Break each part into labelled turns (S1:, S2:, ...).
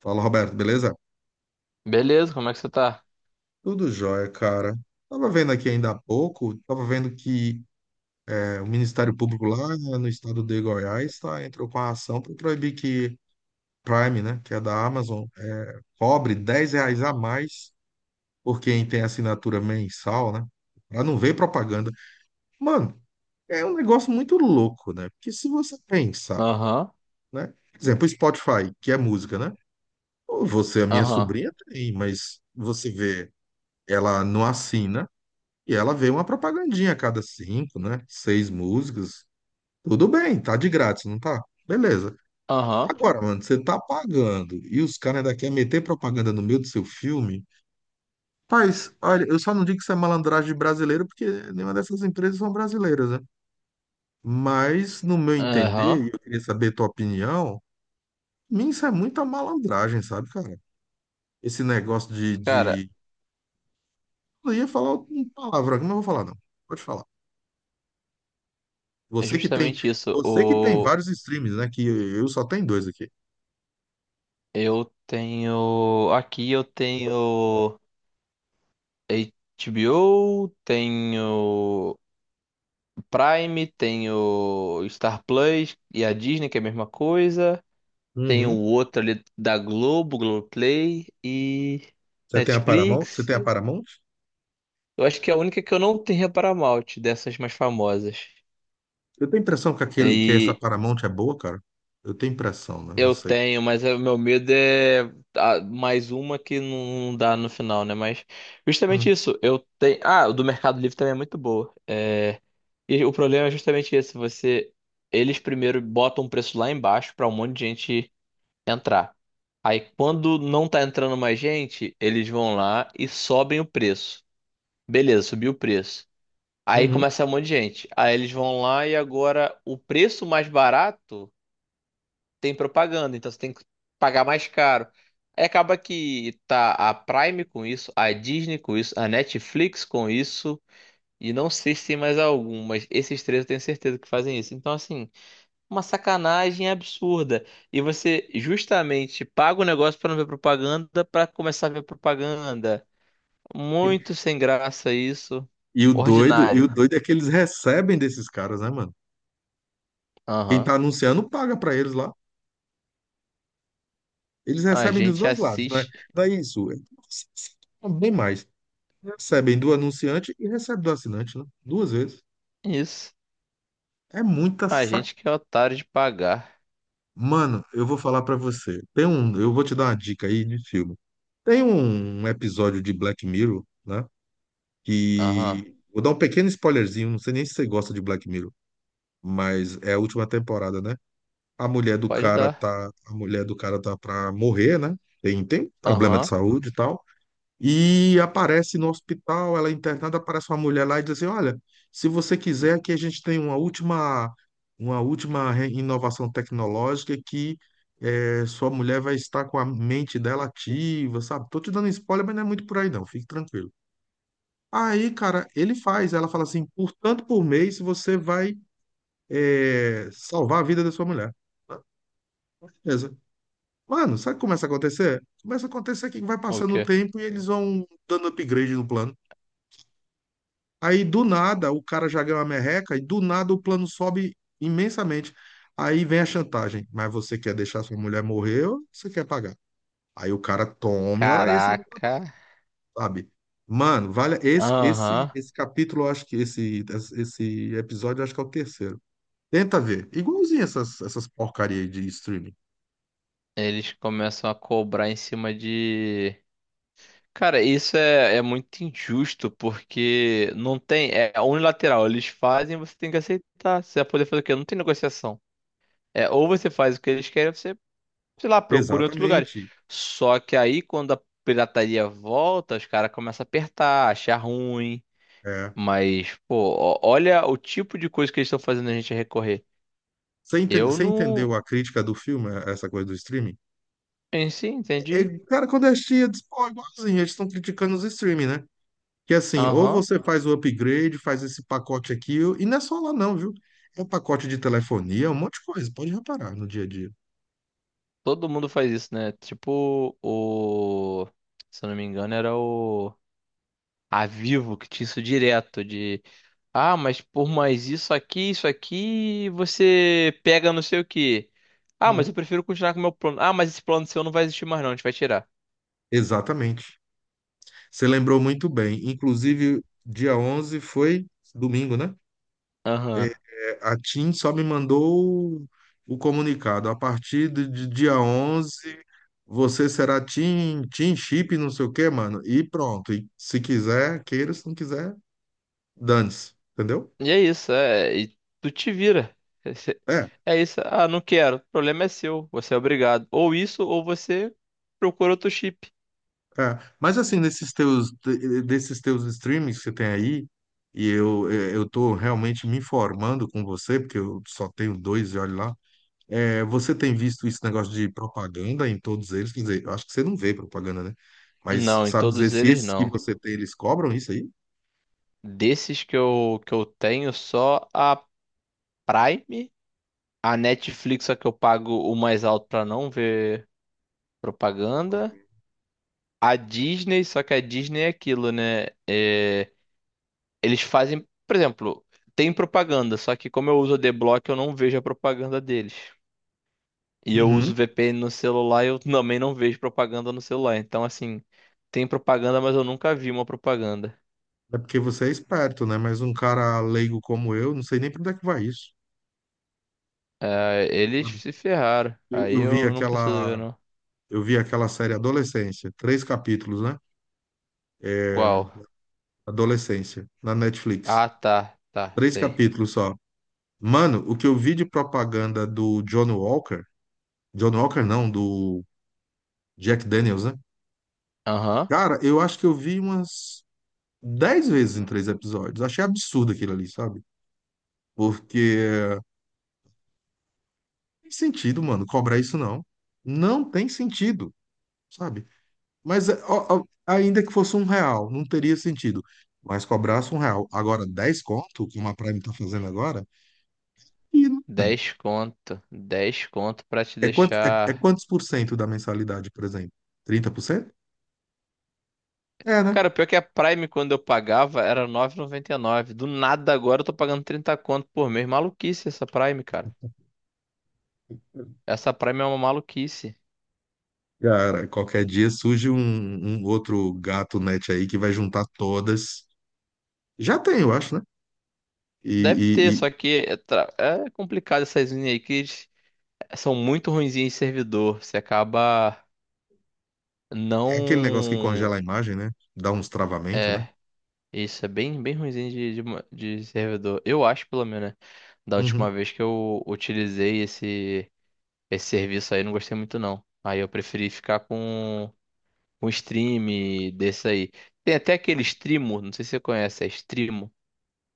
S1: Fala, Roberto, beleza?
S2: Beleza, como é que você tá?
S1: Tudo jóia, cara. Tava vendo aqui ainda há pouco, tava vendo que o Ministério Público lá, né, no estado de Goiás, tá, entrou com a ação para proibir que Prime, né, que é da Amazon, cobre R$ 10 a mais por quem tem assinatura mensal, né? Pra não ver propaganda. Mano, é um negócio muito louco, né? Porque se você pensar,
S2: Aham,
S1: né? Por exemplo, o Spotify, que é música, né? Você, a minha
S2: aham,
S1: sobrinha, tem, mas você vê, ela não assina. E ela vê uma propagandinha a cada cinco, né? Seis músicas. Tudo bem, tá de grátis, não tá? Beleza.
S2: aham,
S1: Agora, mano, você tá pagando e os caras ainda querem meter propaganda no meio do seu filme. Paz, olha, eu só não digo que isso é malandragem brasileira, porque nenhuma dessas empresas são brasileiras, né? Mas, no meu
S2: aham.
S1: entender, e eu queria saber a tua opinião, mim isso é muita malandragem, sabe, cara? Esse negócio de,
S2: Cara,
S1: de... Eu ia falar uma palavra, mas não vou falar, não. Pode falar.
S2: é
S1: Você que tem,
S2: justamente isso.
S1: Você que tem vários streams, né? Que eu só tenho dois aqui.
S2: Eu tenho. Aqui eu tenho HBO, tenho Prime, tenho Star Plus e a Disney, que é a mesma coisa. Tenho o
S1: Uhum.
S2: outro ali da Globo, Globoplay e
S1: Você tem a Paramount? Você
S2: Netflix.
S1: tem a Paramount?
S2: Eu acho que é a única que eu não tenho é a Paramount, dessas mais famosas.
S1: Eu tenho impressão que essa
S2: E
S1: Paramount é boa, cara. Eu tenho impressão, né? Não
S2: Eu
S1: sei.
S2: tenho, mas o meu medo é mais uma que não dá no final, né? Mas justamente
S1: Hum.
S2: isso, eu tenho. Ah, o do Mercado Livre também é muito boa. E o problema é justamente esse, você. Eles primeiro botam o preço lá embaixo pra um monte de gente entrar. Aí quando não tá entrando mais gente, eles vão lá e sobem o preço. Beleza, subiu o preço. Aí
S1: Uhum.
S2: começa um monte de gente. Aí eles vão lá e agora o preço mais barato tem propaganda, então você tem que pagar mais caro. Aí acaba que tá a Prime com isso, a Disney com isso, a Netflix com isso, e não sei se tem mais algum, mas esses três eu tenho certeza que fazem isso. Então, assim, uma sacanagem absurda. E você justamente paga o negócio pra não ver propaganda, pra começar a ver propaganda. Muito sem graça isso.
S1: E o doido, e o
S2: Ordinário.
S1: doido é que eles recebem desses caras, né, mano? Quem
S2: Aham.
S1: tá anunciando paga pra eles lá. Eles
S2: A
S1: recebem dos
S2: gente
S1: dois lados, né?
S2: assiste
S1: Não é isso. Bem mais. Recebem do anunciante e recebem do assinante, né? Duas vezes.
S2: isso.
S1: É muita
S2: A
S1: sa...
S2: gente que é otário de pagar.
S1: Mano, eu vou falar pra você. Eu vou te dar uma dica aí de filme. Tem um episódio de Black Mirror, né?
S2: Aham.
S1: Que vou dar um pequeno spoilerzinho, não sei nem se você gosta de Black Mirror, mas é a última temporada, né?
S2: Pode dar.
S1: A mulher do cara tá pra morrer, né? Tem problema de
S2: Aham.
S1: saúde e tal. E aparece no hospital, ela é internada, aparece uma mulher lá e diz assim: Olha, se você quiser, aqui a gente tem uma última inovação tecnológica que sua mulher vai estar com a mente dela ativa, sabe? Tô te dando spoiler, mas não é muito por aí, não, fique tranquilo. Aí, cara, ele faz, ela fala assim: por tanto por mês você vai salvar a vida da sua mulher. Ah, beleza. Mano, sabe o que começa a acontecer? Começa a acontecer que vai
S2: O
S1: passando o
S2: quê?
S1: tempo e eles vão dando upgrade no plano. Aí do nada o cara já ganhou a merreca e do nada o plano sobe imensamente. Aí vem a chantagem. Mas você quer deixar sua mulher morrer ou você quer pagar? Aí o cara tome hora extra no
S2: Caraca.
S1: trabalho, sabe? Mano, vale esse esse
S2: Aham.
S1: esse capítulo, eu acho que esse episódio, eu acho que é o terceiro. Tenta ver. Igualzinho essas porcaria aí de streaming.
S2: Eles começam a cobrar em cima de. Cara, isso é, é muito injusto, porque não tem. É unilateral. Eles fazem, você tem que aceitar. Você vai poder fazer o quê? Não tem negociação. É, ou você faz o que eles querem, ou você, sei lá, procura em outros lugares.
S1: Exatamente.
S2: Só que aí, quando a pirataria volta, os caras começam a apertar, achar ruim.
S1: É.
S2: Mas, pô, olha o tipo de coisa que eles estão fazendo a gente recorrer.
S1: Você enten-
S2: Eu
S1: você
S2: não.
S1: entendeu a crítica do filme, essa coisa do streaming?
S2: sim si,
S1: É,
S2: entendi.
S1: é, cara, quando assistia, eu disse, pô, igualzinho, eles estão criticando os streaming, né? Que assim, ou
S2: Aham.
S1: você faz o upgrade, faz esse pacote aqui, e não é só lá não, viu? É um pacote de telefonia, um monte de coisa, pode reparar no dia a dia.
S2: Todo mundo faz isso, né? Tipo o. Se eu não me engano, era o. A Vivo que tinha isso direto de. Ah, mas por mais isso aqui, você pega não sei o quê. Ah,
S1: Hum.
S2: mas eu prefiro continuar com o meu plano. Ah, mas esse plano seu não vai existir mais, não. A gente vai tirar.
S1: Exatamente. Você lembrou muito bem. Inclusive, dia 11 foi domingo, né?
S2: Aham.
S1: É, a TIM só me mandou o comunicado. A partir de dia 11 você será TIM Chip, não sei o quê, mano. E pronto. E se quiser, queira, se não quiser, dane-se. Entendeu?
S2: E é isso, é. E tu te vira. Esse-
S1: É.
S2: É isso. Ah, não quero. O problema é seu. Você é obrigado. Ou isso, ou você procura outro chip.
S1: É, mas assim, desses teus streamings que você tem aí, e eu tô realmente me informando com você, porque eu só tenho dois e olha lá, você tem visto esse negócio de propaganda em todos eles? Quer dizer, eu acho que você não vê propaganda, né? Mas
S2: Não, em
S1: sabe dizer
S2: todos
S1: se
S2: eles
S1: esses que
S2: não.
S1: você tem, eles cobram isso aí?
S2: Desses que eu que eu tenho, só a Prime, a Netflix, só que eu pago o mais alto pra não ver propaganda. A Disney, só que a Disney é aquilo, né? É, eles fazem, por exemplo, tem propaganda, só que como eu uso o D-Block eu não vejo a propaganda deles. E eu uso
S1: Uhum.
S2: VPN no celular, eu também não vejo propaganda no celular. Então, assim, tem propaganda, mas eu nunca vi uma propaganda.
S1: É porque você é esperto, né? Mas um cara leigo como eu, não sei nem para onde é que vai isso,
S2: É, eles
S1: sabe?
S2: se ferraram.
S1: Eu,
S2: Aí
S1: eu vi
S2: eu não preciso ver,
S1: aquela,
S2: não.
S1: eu vi aquela série Adolescência, três capítulos, né?
S2: Qual?
S1: Adolescência, na Netflix.
S2: Ah, tá, tá,
S1: Três
S2: sei.
S1: capítulos só. Mano, o que eu vi de propaganda do John Walker, John Walker não, do Jack Daniels, né?
S2: Aham.
S1: Cara, eu acho que eu vi umas 10 vezes em três episódios. Achei absurdo aquilo ali, sabe? Porque não tem sentido, mano, cobrar isso não. Não tem sentido, sabe? Mas é, ó, ó, ainda que fosse R$ 1, não teria sentido. Mas cobrasse R$ 1. Agora, 10 conto, como a Prime tá fazendo agora, e, mano,
S2: Dez conto. Dez conto pra te deixar.
S1: quantos por cento da mensalidade, por exemplo? 30%. É, né?
S2: Cara, pior que a Prime, quando eu pagava, era 9,99. Do nada agora eu tô pagando 30 conto por mês. Maluquice essa Prime, cara. Essa Prime é uma maluquice.
S1: Cara, qualquer dia surge um outro gato net aí que vai juntar todas. Já tem, eu acho, né? E,
S2: Deve
S1: e-
S2: ter,
S1: e
S2: só que é complicado essas linhas aí que eles são muito ruinzinhas em servidor. Você acaba
S1: é aquele negócio que
S2: não.
S1: congela a imagem, né? Dá uns travamentos, né?
S2: Isso é bem, bem ruinzinho de servidor. Eu acho, pelo menos, né? Da
S1: Uhum.
S2: última vez que eu utilizei esse serviço aí, eu não gostei muito, não. Aí eu preferi ficar com um stream desse aí. Tem até aquele streamo, não sei se você conhece, é Strimo.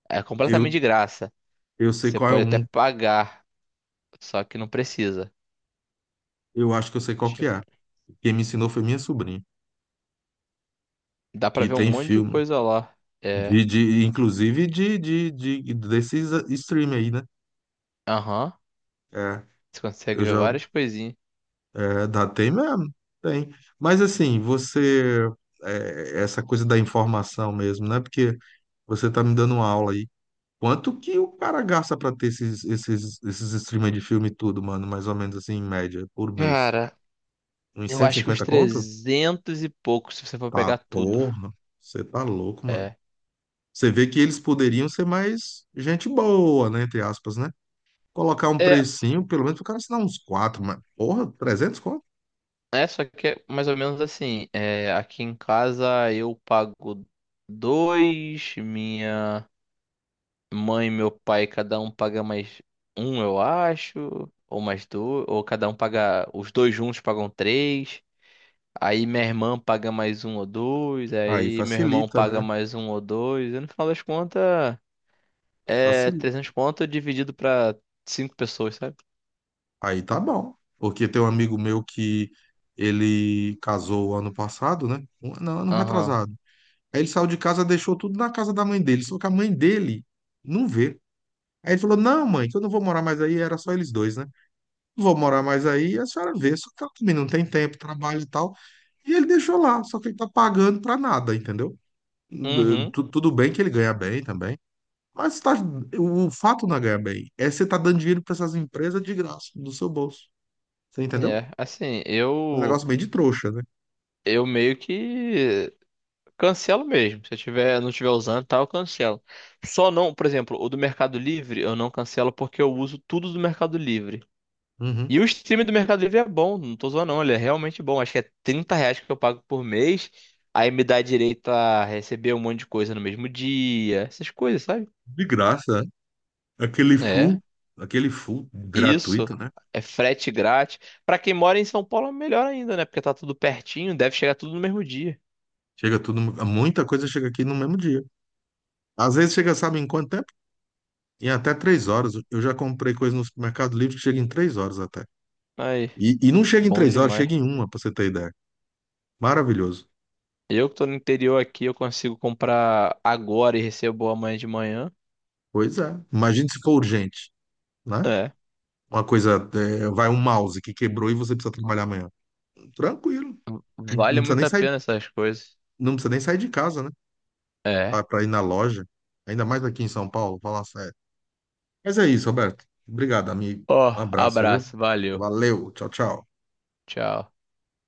S2: É completamente
S1: Eu,
S2: de graça.
S1: eu sei
S2: Você
S1: qual é
S2: pode até
S1: um,
S2: pagar, só que não precisa.
S1: eu acho que eu sei qual que
S2: Che-
S1: é. Quem me ensinou foi minha sobrinha,
S2: Dá pra
S1: que
S2: ver um
S1: tem
S2: monte de
S1: filme,
S2: coisa lá. É,
S1: inclusive desses stream aí, né?
S2: aham.
S1: É,
S2: Você
S1: eu
S2: consegue ver
S1: já
S2: várias coisinhas.
S1: É, dá, tem mesmo, tem. Mas assim, você, é, essa coisa da informação mesmo, né? Porque você tá me dando uma aula aí. Quanto que o cara gasta pra ter esses streamers de filme e tudo, mano? Mais ou menos assim, em média, por mês.
S2: Cara,
S1: Uns
S2: eu
S1: cento e
S2: acho que uns
S1: cinquenta conto?
S2: 300 e pouco, se você for
S1: Tá,
S2: pegar tudo.
S1: porra. Você tá louco, mano.
S2: É.
S1: Você vê que eles poderiam ser mais gente boa, né? Entre aspas, né? Colocar um
S2: É,
S1: precinho, pelo menos o cara assinar uns quatro, mas, porra, 300 conto?
S2: só que é mais ou menos assim. É, aqui em casa eu pago dois, minha mãe e meu pai, cada um paga mais um, eu acho, ou mais dois, ou cada um paga, os dois juntos pagam três. Aí minha irmã paga mais um ou dois,
S1: Aí
S2: aí meu irmão
S1: facilita,
S2: paga
S1: né?
S2: mais um ou dois. E no final das contas, é
S1: Facilita.
S2: 300 conto dividido pra 5 pessoas, sabe?
S1: Aí tá bom. Porque tem um amigo meu que ele casou ano passado, né? Não, ano
S2: Aham.
S1: retrasado. Aí ele saiu de casa, deixou tudo na casa da mãe dele, só que a mãe dele não vê. Aí ele falou: Não, mãe, que eu não vou morar mais aí, era só eles dois, né? Não vou morar mais aí, a senhora vê, só que ela também não tem tempo, trabalho e tal. E ele deixou lá, só que ele tá pagando pra nada, entendeu? Hum,
S2: Uhum.
S1: Tudo bem que ele ganha bem também, mas tá, o fato não é ganhar bem, é você tá dando dinheiro pra essas empresas de graça, do seu bolso. Você entendeu?
S2: É, assim,
S1: É um
S2: eu.
S1: negócio meio de trouxa, né?
S2: Eu meio que cancelo mesmo. Se eu tiver, não estiver usando, e tal, eu cancelo. Só não, por exemplo, o do Mercado Livre, eu não cancelo porque eu uso tudo do Mercado Livre.
S1: Uhum.
S2: E o stream do Mercado Livre é bom, não tô zoando não, ele é realmente bom. Acho que é 30 reais que eu pago por mês, aí me dá direito a receber um monte de coisa no mesmo dia, essas coisas, sabe?
S1: De graça, né? Aquele
S2: É,
S1: full, aquele full
S2: isso.
S1: gratuito, né?
S2: É frete grátis. Pra quem mora em São Paulo, é melhor ainda, né? Porque tá tudo pertinho, deve chegar tudo no mesmo dia.
S1: Chega tudo, muita coisa chega aqui no mesmo dia. Às vezes chega, sabe, em quanto tempo? Em até 3 horas. Eu já comprei coisa no Mercado Livre que chega em 3 horas até.
S2: Aí,
S1: E não chega em
S2: bom
S1: 3 horas,
S2: demais.
S1: chega em uma, pra você ter ideia. Maravilhoso.
S2: Eu que tô no interior aqui, eu consigo comprar agora e recebo amanhã de manhã.
S1: Pois é. Imagine se for urgente, né?
S2: É.
S1: Uma coisa, é, vai um mouse que quebrou e você precisa trabalhar amanhã. Tranquilo. Não
S2: Vale
S1: não precisa
S2: muito
S1: nem
S2: a
S1: sair,
S2: pena essas coisas.
S1: não precisa nem sair de casa, né?
S2: É.
S1: Para ir na loja, ainda mais aqui em São Paulo, falar sério. Mas é isso, Roberto. Obrigado, amigo.
S2: Ó,
S1: Um abraço, viu?
S2: abraço, valeu.
S1: Valeu, tchau, tchau.
S2: Tchau.